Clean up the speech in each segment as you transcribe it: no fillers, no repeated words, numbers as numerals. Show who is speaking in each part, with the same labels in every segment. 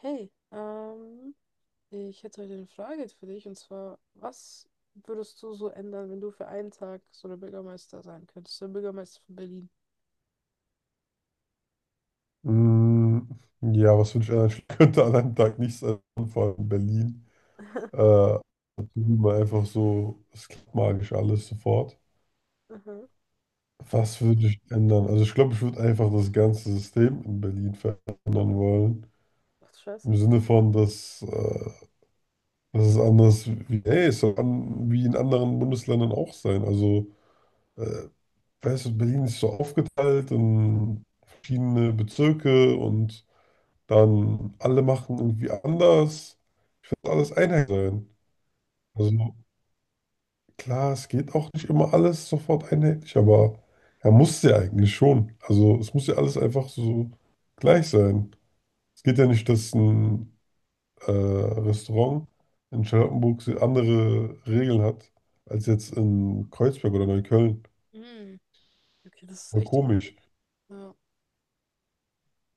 Speaker 1: Hey, ich hätte heute eine Frage für dich und zwar, was würdest du so ändern, wenn du für einen Tag so der Bürgermeister sein könntest? Der Bürgermeister von Berlin.
Speaker 2: Mm, ja, was wünsche ich an einem, könnte an einem Tag nicht sein, vor allem in Berlin. Äh, Mal einfach so, es klappt magisch alles sofort.
Speaker 1: Aha.
Speaker 2: Was würde ich ändern? Also ich glaube, ich würde einfach das ganze System in Berlin verändern wollen.
Speaker 1: Ach, du
Speaker 2: Im
Speaker 1: Scheiße.
Speaker 2: Sinne von, dass es anders wie, hey, es soll an, wie in anderen Bundesländern auch sein. Also, äh, weißt du, Berlin ist so aufgeteilt in verschiedene Bezirke und dann alle machen irgendwie anders. Alles
Speaker 1: Mhm.
Speaker 2: einheitlich sein. Also klar, es geht auch nicht immer alles sofort einheitlich, aber er muss ja eigentlich schon. Also es muss ja alles einfach so gleich sein. Es geht ja nicht, dass ein Restaurant in Charlottenburg so andere Regeln hat, als jetzt in Kreuzberg oder Neukölln.
Speaker 1: Mhm. Okay, das ist
Speaker 2: Voll
Speaker 1: echt irgendwie.
Speaker 2: komisch.
Speaker 1: Ja.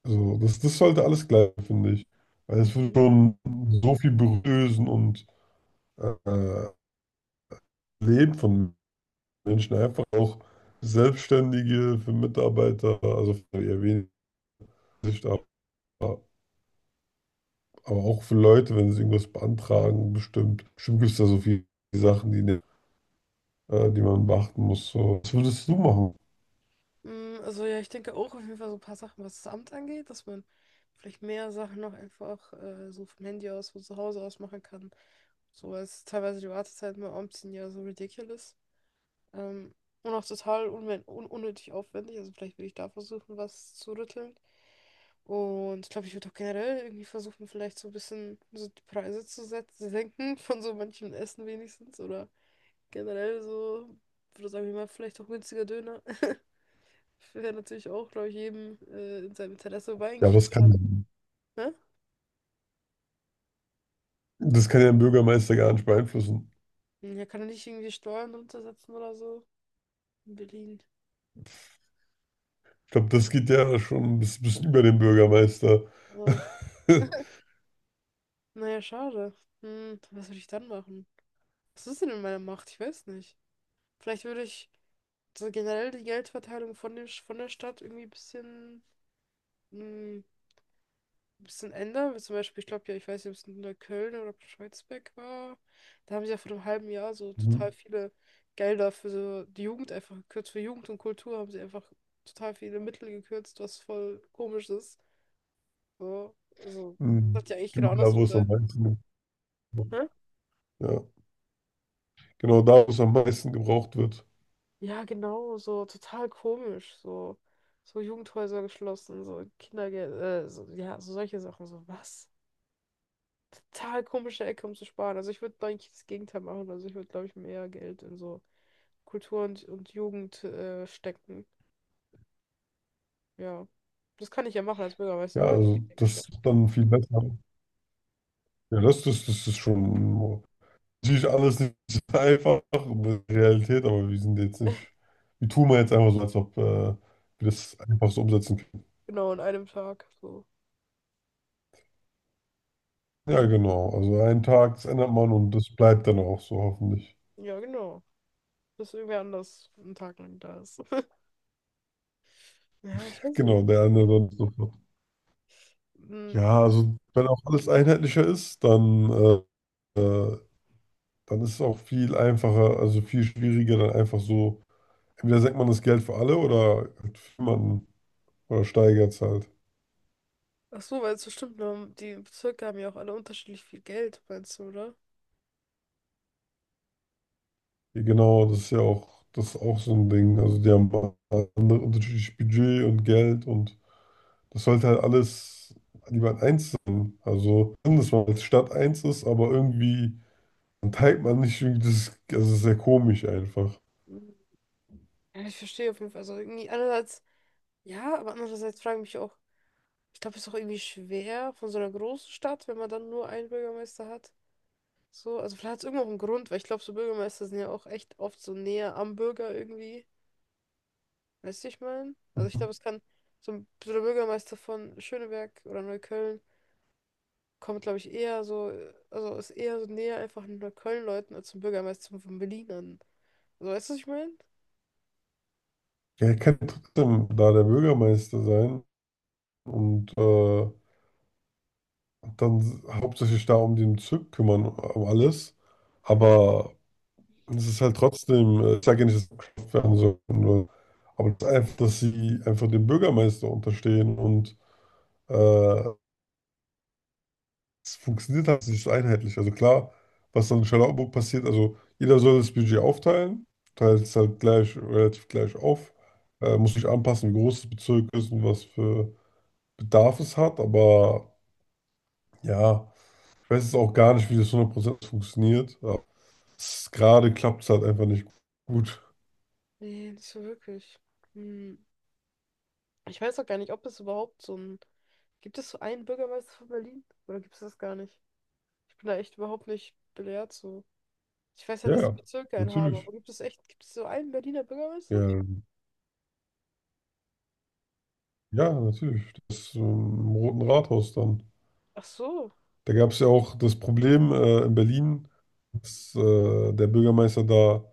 Speaker 2: Also das sollte alles gleich, finde ich. Weil es wird
Speaker 1: Mhm.
Speaker 2: schon so viel berühren und äh, Leben von Menschen einfach auch Selbstständige, für Mitarbeiter, also für eher wenig, Sicht, aber auch für Leute, wenn sie irgendwas beantragen, bestimmt. Bestimmt gibt es da so viele Sachen, die man beachten muss. So. Was würdest du machen?
Speaker 1: Mm, also ja, ich denke auch auf jeden Fall so ein paar Sachen, was das Amt angeht, dass man vielleicht mehr Sachen noch einfach so vom Handy aus, von zu Hause aus machen kann. So, weil es teilweise die Wartezeiten beim Amt sind ja so ridiculous. Ähm, und auch total unwen- un unnötig aufwendig. Also vielleicht würde ich da versuchen, was zu rütteln. Und ich glaube, ich würde auch generell irgendwie versuchen, vielleicht so ein bisschen so die Preise zu setzen, zu senken von so manchem Essen wenigstens. Oder generell so, würde sagen wir mal, vielleicht auch günstiger Döner. Wäre natürlich auch, glaube ich, jedem in seinem Interesse. Wobei
Speaker 2: Ja, aber
Speaker 1: eigentlich Döner, ne?
Speaker 2: das kann ja ein Bürgermeister gar nicht beeinflussen.
Speaker 1: Ja, kann er nicht irgendwie Steuern runtersetzen oder so. In Berlin.
Speaker 2: Ich glaube, das geht ja schon ein bisschen über den Bürgermeister.
Speaker 1: Oh. Naja, schade. Hm, was würde ich dann machen? Was ist denn in meiner Macht? Ich weiß nicht. Vielleicht würde ich so generell die Geldverteilung von dem, von der Stadt irgendwie ein bisschen, mm, ein bisschen ändern. Wie zum Beispiel, ich glaube ja, ich weiß nicht, ob es in der Köln oder ob war. Da haben sie ja vor einem halben Jahr so total
Speaker 2: Mhm.
Speaker 1: viele Gelder für so die Jugend einfach gekürzt. Für Jugend und Kultur haben sie einfach total viele Mittel gekürzt, was voll komisch ist. So, also das
Speaker 2: Mhm.
Speaker 1: sollte ja eigentlich genau
Speaker 2: Genau da, wo
Speaker 1: andersrum
Speaker 2: es am
Speaker 1: sein.
Speaker 2: meisten,
Speaker 1: Hä?
Speaker 2: Ja, genau da, wo es am meisten gebraucht wird.
Speaker 1: Ja, genau, so total komisch, so so Jugendhäuser geschlossen, so Kindergeld, so, ja, so solche Sachen, so was? Total komische Ecke, um zu sparen. Also ich würde eigentlich das Gegenteil machen, also ich würde, glaube ich, mehr Geld in so Kultur und Jugend stecken. Ja, das kann ich ja machen als Bürgermeister,
Speaker 2: Ja,
Speaker 1: oder? Ich
Speaker 2: also
Speaker 1: denke
Speaker 2: das
Speaker 1: schon.
Speaker 2: ist dann viel besser. Ja, das ist schon natürlich alles nicht so einfach mit Realität, aber wir sind jetzt nicht, wir tun mal jetzt einfach so, als ob wir das einfach so umsetzen können.
Speaker 1: Genau, in einem Tag, so.
Speaker 2: Ja,
Speaker 1: Mhm.
Speaker 2: genau. Also einen Tag, das ändert man und das bleibt dann auch so, hoffentlich.
Speaker 1: Ja, genau. Bis irgendwer anders einen Tag lang da ist. Ja, ich weiß
Speaker 2: Genau,
Speaker 1: nicht.
Speaker 2: der andere dann sofort.
Speaker 1: Mm,
Speaker 2: Ja, also wenn auch alles einheitlicher ist, dann, äh, äh, dann ist es auch viel einfacher, also viel schwieriger, dann einfach so, entweder senkt man das Geld für alle oder halt für jemanden oder steigert es halt.
Speaker 1: ach so, weil es so stimmt, ne, die Bezirke haben ja auch alle unterschiedlich viel Geld, meinst du, oder?
Speaker 2: Genau, das ist ja auch, das ist auch so ein Ding. Also die haben andere unterschiedliches Budget und Geld und das sollte halt alles lieber eins sein. Also, schön, dass man als Stadt eins ist, aber irgendwie, dann teilt man nicht irgendwie das, also das ist sehr komisch einfach.
Speaker 1: Mhm. Ja, ich verstehe auf jeden Fall. Also irgendwie einerseits ja, aber andererseits frage ich mich auch, ich glaube, es ist auch irgendwie schwer von so einer großen Stadt, wenn man dann nur einen Bürgermeister hat. So, also vielleicht hat es irgendwo auch einen Grund, weil ich glaube, so Bürgermeister sind ja auch echt oft so näher am Bürger irgendwie. Weißt du, ich meine? Also ich glaube, es kann so ein so der Bürgermeister von Schöneberg oder Neukölln kommt, glaube ich, eher so, also ist eher so näher einfach an den Neukölln-Leuten als zum Bürgermeister von Berlin an. So, weißt du, was ich meine?
Speaker 2: Ja, er kann trotzdem da der Bürgermeister sein und dann hauptsächlich da um den Bezirk kümmern, um alles. Aber und es ist halt trotzdem, ich sage ja nicht, dass sie abgeschafft werden sollten, weil, aber das ist einfach, dass sie einfach dem Bürgermeister unterstehen und äh, es funktioniert halt nicht so einheitlich. Also klar, was dann in Charlottenburg passiert, also jeder soll das Budget aufteilen, teilt es halt gleich, relativ gleich auf, muss sich anpassen, wie groß das Bezirk ist und was für Bedarf es hat, aber ja, ich weiß jetzt auch gar nicht, wie das 100% funktioniert, aber gerade klappt es halt einfach nicht gut.
Speaker 1: Nee, nicht so wirklich. Hm. Ich weiß auch gar nicht, ob es überhaupt so ein. Gibt es so einen Bürgermeister von Berlin? Oder gibt es das gar nicht? Ich bin da echt überhaupt nicht belehrt so. Ich weiß halt,
Speaker 2: Ja,
Speaker 1: dass die
Speaker 2: ja,
Speaker 1: Bezirke einen haben,
Speaker 2: natürlich.
Speaker 1: aber gibt es echt, gibt es so einen Berliner Bürgermeister?
Speaker 2: Ja, ja, natürlich. Das Im Roten Rathaus dann.
Speaker 1: Ach so.
Speaker 2: Da gab es ja auch das Problem in Berlin, dass der Bürgermeister da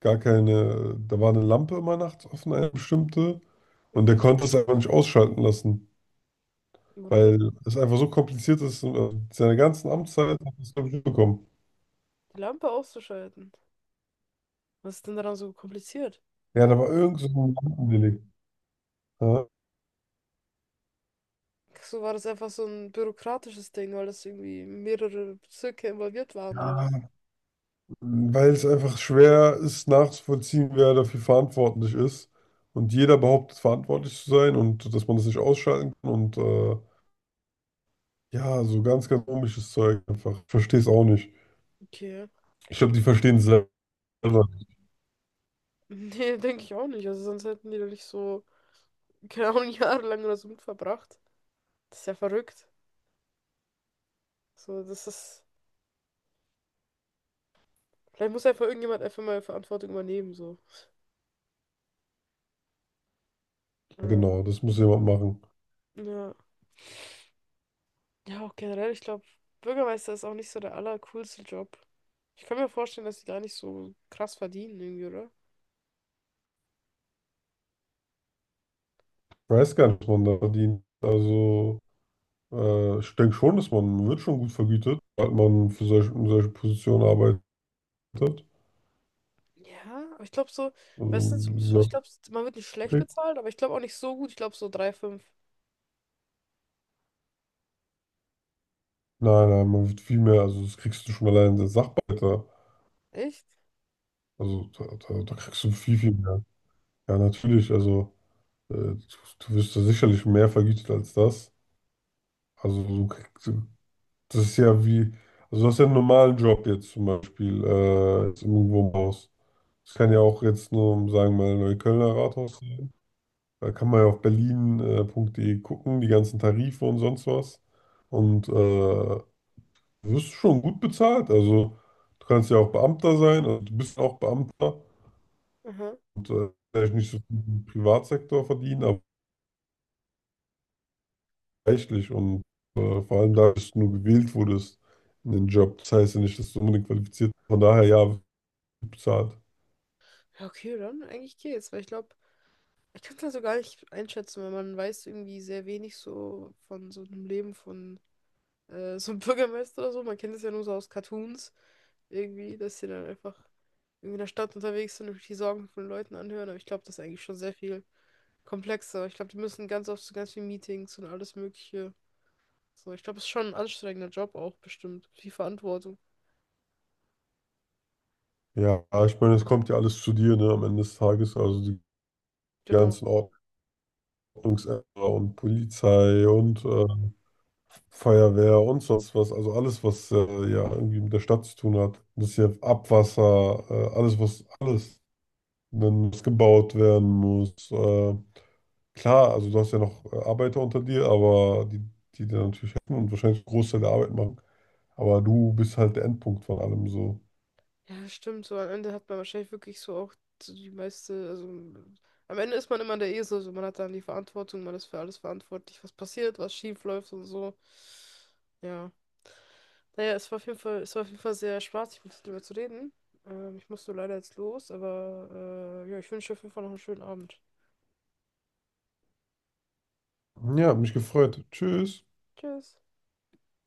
Speaker 2: gar keine, da war eine Lampe immer nachts offen, eine bestimmte, und
Speaker 1: Mhm.
Speaker 2: der konnte es einfach nicht ausschalten lassen,
Speaker 1: Warum denn?
Speaker 2: weil es einfach so kompliziert ist. Und, seine ganzen Amtszeit hat er es, glaube ich, nicht bekommen.
Speaker 1: Die Lampe auszuschalten. Was ist denn daran so kompliziert?
Speaker 2: Ja, da war irgend so ein Lampendelikt.
Speaker 1: Ach, so war das einfach so ein bürokratisches Ding, weil das irgendwie mehrere Bezirke involviert waren, oder was?
Speaker 2: Ja, weil es einfach schwer ist nachzuvollziehen, wer dafür verantwortlich ist. Und jeder behauptet, verantwortlich zu sein und dass man das nicht ausschalten kann. Und ja, so ganz komisches Zeug einfach. Ich verstehe es auch nicht.
Speaker 1: Okay.
Speaker 2: Ich glaube, die verstehen es selber nicht.
Speaker 1: Nee, denke ich auch nicht. Also sonst hätten die da nicht so keine Ahnung, lang oder so mit verbracht. Das ist ja verrückt. So, das ist. Vielleicht muss einfach irgendjemand einfach mal Verantwortung übernehmen, so. Ähm,
Speaker 2: Genau, das muss jemand machen.
Speaker 1: ja. Ja, auch generell, ich glaube, Bürgermeister ist auch nicht so der allercoolste Job. Ich kann mir vorstellen, dass die gar nicht so krass verdienen, irgendwie, oder?
Speaker 2: Ich weiß gar nicht, was man da verdient. Also, ich denke schon, dass man wird schon gut vergütet, weil man für solche, in solche Positionen arbeitet. Also,
Speaker 1: Ja, aber ich glaube so, meistens, ich
Speaker 2: ja,
Speaker 1: glaube, man wird nicht schlecht
Speaker 2: okay.
Speaker 1: bezahlt, aber ich glaube auch nicht so gut. Ich glaube so 3,5.
Speaker 2: Nein, nein, man wird viel mehr. Also, das kriegst du schon allein als Sachbearbeiter.
Speaker 1: Echt?
Speaker 2: Also da kriegst du viel mehr. Ja, natürlich, also äh, du, du wirst da sicherlich mehr vergütet als das. Also du kriegst, das ist ja wie, also du hast ja einen normalen Job jetzt zum Beispiel, jetzt irgendwo im Haus. Das kann ja
Speaker 1: Ja.
Speaker 2: auch jetzt nur, um sagen wir mal, Neuköllner Rathaus sein. Da kann man ja auf berlin.de gucken, die ganzen Tarife und sonst was. Und du wirst schon gut bezahlt. Also du kannst ja auch Beamter sein, also du bist auch Beamter.
Speaker 1: Aha.
Speaker 2: Und vielleicht nicht so viel im Privatsektor verdienen, aber reichlich und vor allem da, dass du nur gewählt wurdest in den Job. Das heißt ja nicht, dass du unbedingt qualifiziert bist. Von daher, ja, wird bezahlt.
Speaker 1: Ja, okay, dann eigentlich geht's, weil ich glaube, ich kann es also gar nicht einschätzen, weil man weiß irgendwie sehr wenig so von so einem Leben von so einem Bürgermeister oder so. Man kennt es ja nur so aus Cartoons irgendwie, dass sie dann einfach irgendwie in der Stadt unterwegs sind und sich die Sorgen von Leuten anhören. Aber ich glaube, das ist eigentlich schon sehr viel komplexer. Ich glaube, die müssen ganz oft zu ganz vielen Meetings und alles Mögliche. So, ich glaube, es ist schon ein anstrengender Job auch bestimmt. Viel Verantwortung.
Speaker 2: Ja, ich meine, es kommt ja alles zu dir, ne, am Ende des Tages, also die
Speaker 1: Genau.
Speaker 2: ganzen Ordnungsämter und Polizei und Feuerwehr und sonst was, also alles, was ja irgendwie mit der Stadt zu tun hat. Das ist ja Abwasser, alles, was, alles, wenn es gebaut werden muss, klar, also du hast ja noch Arbeiter unter dir, aber die dir natürlich helfen und wahrscheinlich einen Großteil der Arbeit machen. Aber du bist halt der Endpunkt von allem so.
Speaker 1: Ja, stimmt, so am Ende hat man wahrscheinlich wirklich so auch so die meiste, also m- am Ende ist man immer der Esel, also man hat dann die Verantwortung, man ist für alles verantwortlich, was passiert, was schief läuft und so. Ja. Naja, es war auf jeden Fall, es war auf jeden Fall sehr spaßig, mit dir darüber zu reden. Ich muss so leider jetzt los, aber ja, ich wünsche dir auf jeden Fall noch einen schönen Abend.
Speaker 2: Ja, hat mich gefreut. Tschüss.
Speaker 1: Tschüss.